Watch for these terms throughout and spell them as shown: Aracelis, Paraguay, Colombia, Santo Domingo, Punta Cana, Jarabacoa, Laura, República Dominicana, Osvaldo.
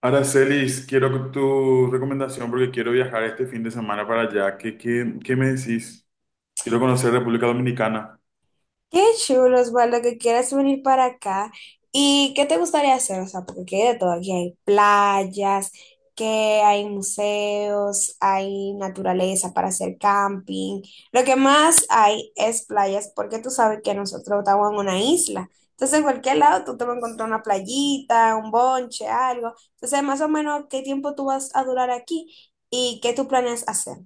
Aracelis, quiero tu recomendación porque quiero viajar este fin de semana para allá. ¿Qué me decís? Quiero conocer República Dominicana. Qué chulo, Osvaldo, que quieras venir para acá. ¿Y qué te gustaría hacer? O sea, porque aquí hay de todo. Aquí hay playas, que hay museos, hay naturaleza para hacer camping. Lo que más hay es playas, porque tú sabes que nosotros estamos en una isla. Entonces, en cualquier lado tú te vas a encontrar una playita, un bonche, algo. Entonces, más o menos, ¿qué tiempo tú vas a durar aquí y qué tú planeas hacer?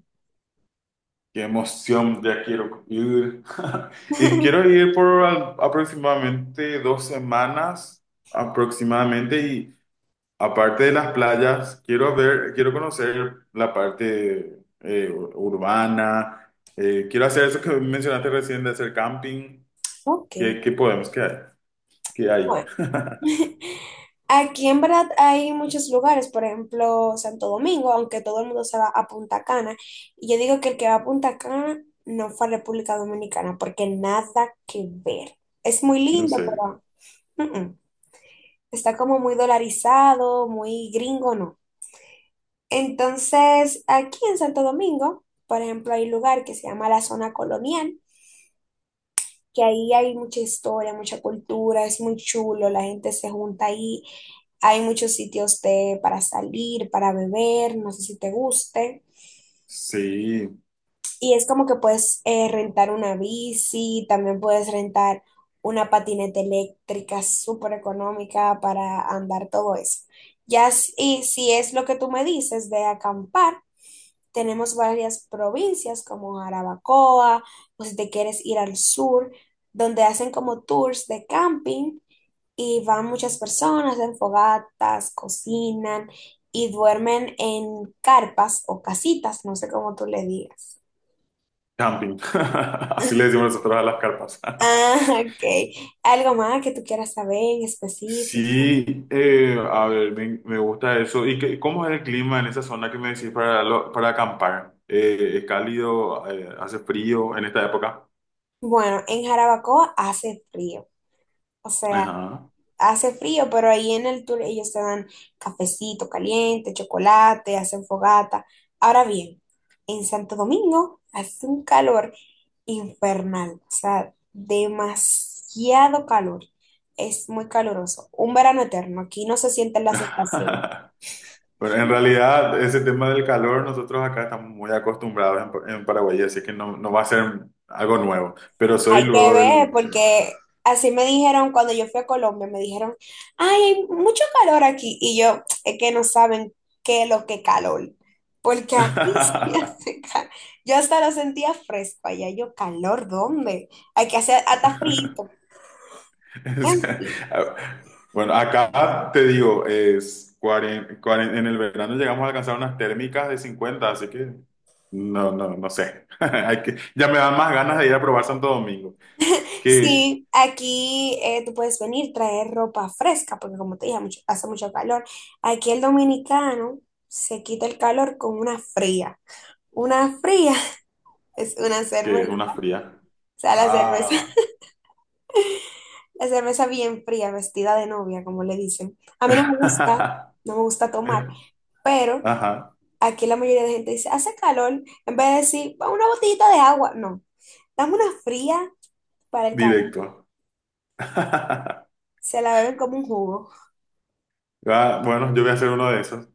Qué emoción, ya quiero ir. Y quiero ir por aproximadamente 2 semanas, aproximadamente. Y aparte de las playas, quiero conocer la parte urbana. Quiero hacer eso que mencionaste recién de hacer camping. Ok, ¿Qué, qué podemos? ¿Qué hay? ¿Qué hay? bueno. Aquí en verdad hay muchos lugares, por ejemplo, Santo Domingo, aunque todo el mundo se va a Punta Cana. Y yo digo que el que va a Punta Cana no fue a República Dominicana, porque nada que ver. Es muy No lindo, sé. pero mm, mm. Está como muy dolarizado, muy gringo, no. Entonces, aquí en Santo Domingo, por ejemplo, hay un lugar que se llama la zona colonial, que ahí hay mucha historia, mucha cultura, es muy chulo, la gente se junta ahí. Hay muchos sitios de, para salir, para beber, no sé si te guste. Sí, Y es como que puedes rentar una bici, también puedes rentar una patineta eléctrica súper económica para andar todo eso. Ya si, y si es lo que tú me dices de acampar, tenemos varias provincias como Jarabacoa, o si te quieres ir al sur, donde hacen como tours de camping y van muchas personas, hacen fogatas, cocinan y duermen en carpas o casitas, no sé cómo tú le digas. camping. Así le decimos nosotros a las carpas. Ah, ok. ¿Algo más que tú quieras saber en específico? Sí, a ver, me gusta eso. ¿Y cómo es el clima en esa zona que me decís para, para acampar? ¿Es cálido? ¿Hace frío en esta época? Bueno, en Jarabacoa hace frío, o sea... Ajá. hace frío, pero ahí en el tour ellos te dan cafecito caliente, chocolate, hacen fogata. Ahora bien, en Santo Domingo hace un calor infernal, o sea, demasiado calor. Es muy caluroso. Un verano eterno. Aquí no se sienten las estaciones. Bueno, en realidad, ese tema del calor, nosotros acá estamos muy acostumbrados en Paraguay, así que no va a ser algo nuevo. Pero soy Hay que luego ver, del... porque así me dijeron cuando yo fui a Colombia, me dijeron, ay, hay mucho calor aquí. Y yo, es que no saben qué es lo que calor. Porque aquí sí hace calor. Yo hasta lo sentía fresco allá. Yo, calor, ¿dónde? Hay que hacer hasta frío, O bien sea, frío. a-, bueno, acá te digo, es en el verano llegamos a alcanzar unas térmicas de 50, así que no sé. Hay que, ya me dan más ganas de ir a probar Santo Domingo, que, Sí, aquí tú puedes venir, traer ropa fresca, porque como te dije, hace mucho calor. Aquí el dominicano se quita el calor con una fría. Una fría es una que es una cerveza. fría. O sea, la cerveza, Ah. la cerveza bien fría, vestida de novia, como le dicen. A mí no me gusta, no me gusta tomar, pero Ajá, aquí la mayoría de gente dice, hace calor, en vez de decir, "Pa, una botellita de agua, no, dame una fría para el calor". directo. Se la beben como un jugo. Ah, bueno, yo voy a hacer uno de esos.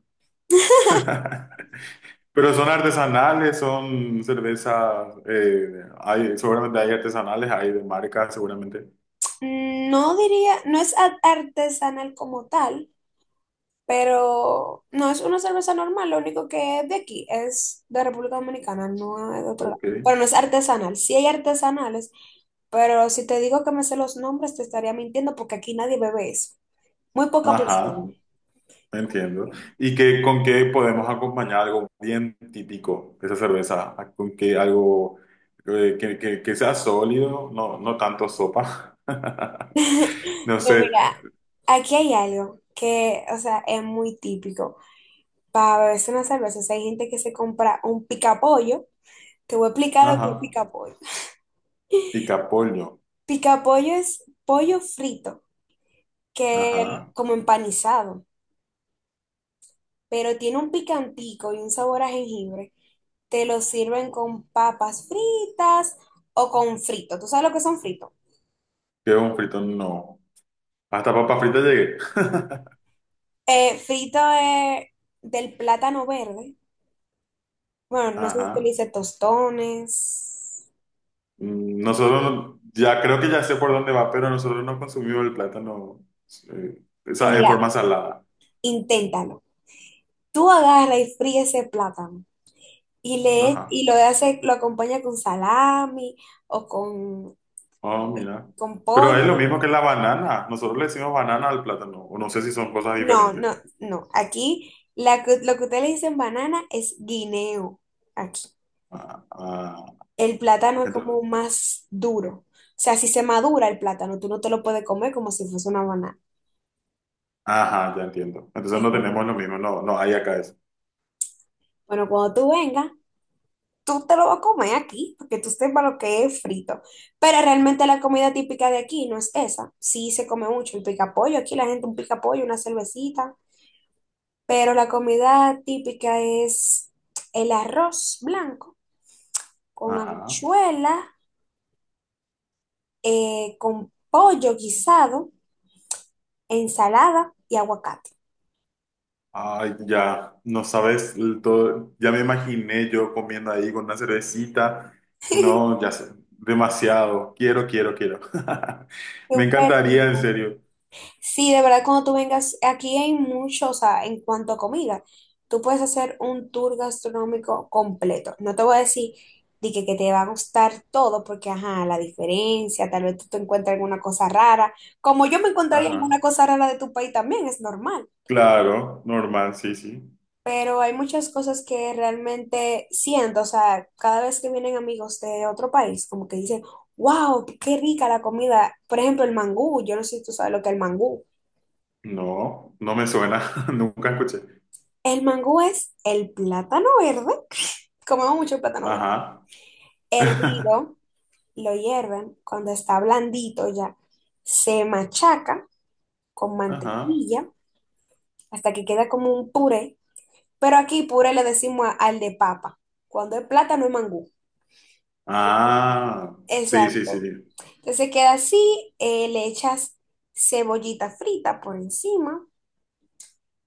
Pero son artesanales, son cervezas, hay, seguramente hay artesanales, hay de marca, seguramente. Mm, no diría, no es artesanal como tal, pero no es una cerveza normal, lo único que es de aquí, es de República Dominicana, no es de otro lado. Ok, Pero no es artesanal, sí hay artesanales, pero si te digo que me sé los nombres, te estaría mintiendo porque aquí nadie bebe eso. Muy poca ajá, persona. entiendo. ¿Y qué, con qué podemos acompañar algo bien típico de esa cerveza? Ah, ¿con qué algo que sea sólido? No, no tanto sopa. No No, sé, mira, aquí hay algo que, o sea, es muy típico. Para beberse una cerveza, o sea, hay gente que se compra un picapollo. Te voy a explicar lo que es ajá, picapollo. picapollo, Picapollo es pollo frito, ajá, como empanizado, pero tiene un picantico y un sabor a jengibre. Te lo sirven con papas fritas o con frito. ¿Tú sabes lo que son fritos? que un frito no. Hasta papa frita llegué, Eh, frito de- del plátano verde. Bueno, no sé si tú le ajá. dices tostones. Mm, nosotros, ya creo que ya sé por dónde va, pero nosotros no consumimos el plátano eh, o sea, en Mira, forma salada, inténtalo. Tú agarra y fríe ese plátano y, ajá. y lo acompaña con salami o Oh, mira. con Pero pollo. es lo mismo que la banana. Nosotros le decimos banana al plátano. O no sé si son cosas No, diferentes. no, no. Aquí lo que ustedes le dicen banana es guineo. Aquí. Ah, ah. El plátano es Entonces, como más duro. O sea, si se madura el plátano, tú no te lo puedes comer como si fuese una banana. ajá, ya entiendo. Entonces Es no raro. tenemos lo mismo. No, no hay acá eso. Bueno, cuando tú vengas, tú te lo vas a comer aquí, porque tú sepas lo que es frito. Pero realmente la comida típica de aquí no es esa. Sí se come mucho el picapollo, aquí la gente un picapollo, una cervecita, pero la comida típica es el arroz blanco con Ajá. habichuela, con pollo guisado, ensalada y aguacate. Ay, ya. No sabes el todo. Ya me imaginé yo comiendo ahí con una cervecita. No, ya sé. Demasiado. Quiero. Me Súper encantaría, rico. en serio. Sí, de verdad, cuando tú vengas, aquí hay mucho, o sea, en cuanto a comida, tú puedes hacer un tour gastronómico completo. No te voy a decir de que te va a gustar todo, porque, ajá, la diferencia, tal vez tú te encuentres alguna cosa rara, como yo me encontraría alguna Ajá. cosa rara de tu país también, es normal. Claro, normal, sí, sí. Pero hay muchas cosas que realmente siento, o sea, cada vez que vienen amigos de otro país, como que dicen, wow, qué rica la comida. Por ejemplo, el mangú, yo no sé si tú sabes lo que es el mangú. No, no me suena. Nunca escuché. El mangú es el plátano verde. Comemos mucho plátano verde. Ajá. Hervido, lo hierven. Cuando está blandito ya, se machaca con Ajá. mantequilla hasta que queda como un puré. Pero aquí puré le decimos al de papa. Cuando es plátano es mangú. Ah, sí, sí, sí. Exacto. Entonces queda así, le echas cebollita frita por encima.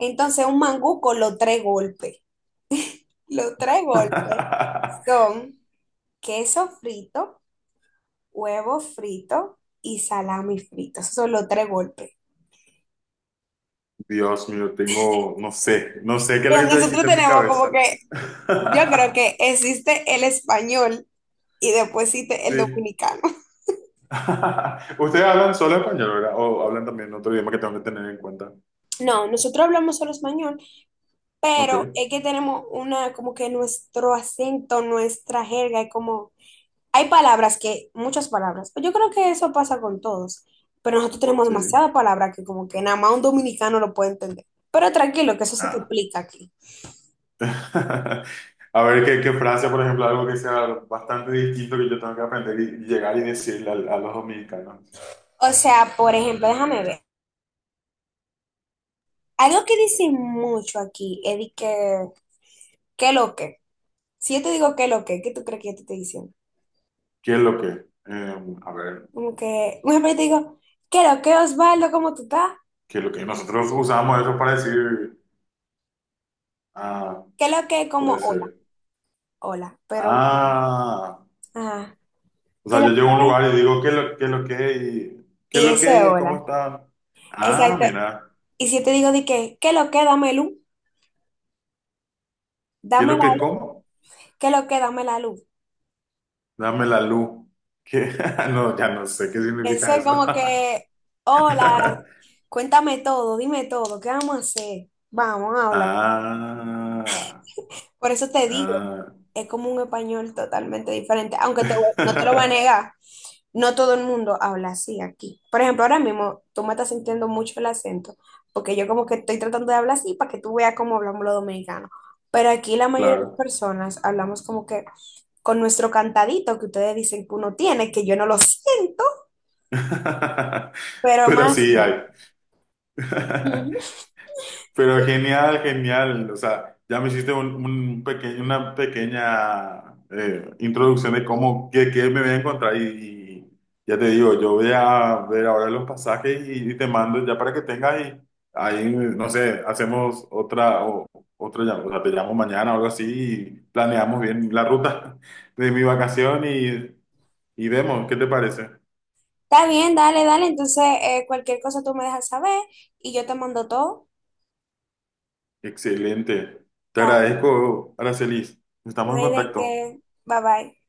Entonces un mangú con los tres golpes. Los tres golpes son queso frito, huevo frito y salami frito. Esos son los tres golpes. Dios mío, tengo, no sé, no sé qué es lo Bien, que te nosotros hiciste en mi tenemos como cabeza. que, yo creo que existe el español y después existe el Sí. dominicano. Ustedes hablan solo español, ¿verdad? O hablan también otro idioma que tengo que tener en cuenta. No, nosotros hablamos solo español, Ok, pero es que tenemos una, como que nuestro acento, nuestra jerga, es como, hay palabras que, muchas palabras, yo creo que eso pasa con todos, pero nosotros tenemos sí. demasiadas palabras que como que nada más un dominicano lo puede entender. Pero tranquilo, que eso se te Ah. explica aquí. A ver, ¿qué, qué frase, por ejemplo, algo que sea bastante distinto que yo tengo que aprender y llegar y decirle al a los dominicanos? O sea, por ejemplo, déjame ver. Algo que dicen mucho aquí es de que, ¿qué lo que? Si yo te digo qué lo que, ¿qué tú crees que yo te estoy diciendo? ¿Qué es lo que? Eh, a ver, Como que, por ejemplo, yo te digo, ¿qué lo que, Osvaldo? ¿Cómo tú estás? ¿qué es lo que? Nosotros usamos eso para decir. Ah, ¿Qué lo que? Como, puede hola, ser. hola. Pero, Ah, ajá, o ¿qué sea, lo yo llego a un que? lugar y digo, ¿qué es qué es lo que es? Y, ¿qué es Y lo eso es que es? ¿Cómo hola. está? Ah, Exacto. mira, Y si yo te digo de que, ¿qué lo que? Dame luz, ¿qué es dame lo la que luz, como? ¿qué lo que? Dame la luz. Dame la luz. ¿Qué? No, ya no sé qué Eso significa es eso. como que, hola, cuéntame todo, dime todo, ¿qué vamos a hacer? Vamos, habla. Ah, Por eso te digo, ah, es como un español totalmente diferente, aunque no te lo voy a negar, no todo el mundo habla así aquí. Por ejemplo, ahora mismo tú me estás sintiendo mucho el acento, porque yo como que estoy tratando de hablar así para que tú veas cómo hablamos los dominicanos. Pero aquí la mayoría de las claro. personas hablamos como que con nuestro cantadito que ustedes dicen que uno tiene, que yo no lo siento, pero Pero más sí no. hay. Ujú. Pero genial, genial. O sea, ya me hiciste un una pequeña introducción de cómo, qué, qué me voy a encontrar. Y ya te digo, yo voy a ver ahora los pasajes y te mando ya para que tengas ahí, no sé, hacemos otra llamada. O sea, te llamo mañana o algo así y planeamos bien la ruta de mi vacación y vemos, ¿qué te parece? Está bien, dale, dale. Entonces, cualquier cosa tú me dejas saber y yo te mando todo. Excelente. Te Está bien. agradezco, Aracelis. No Estamos en hay de contacto. qué. Bye bye.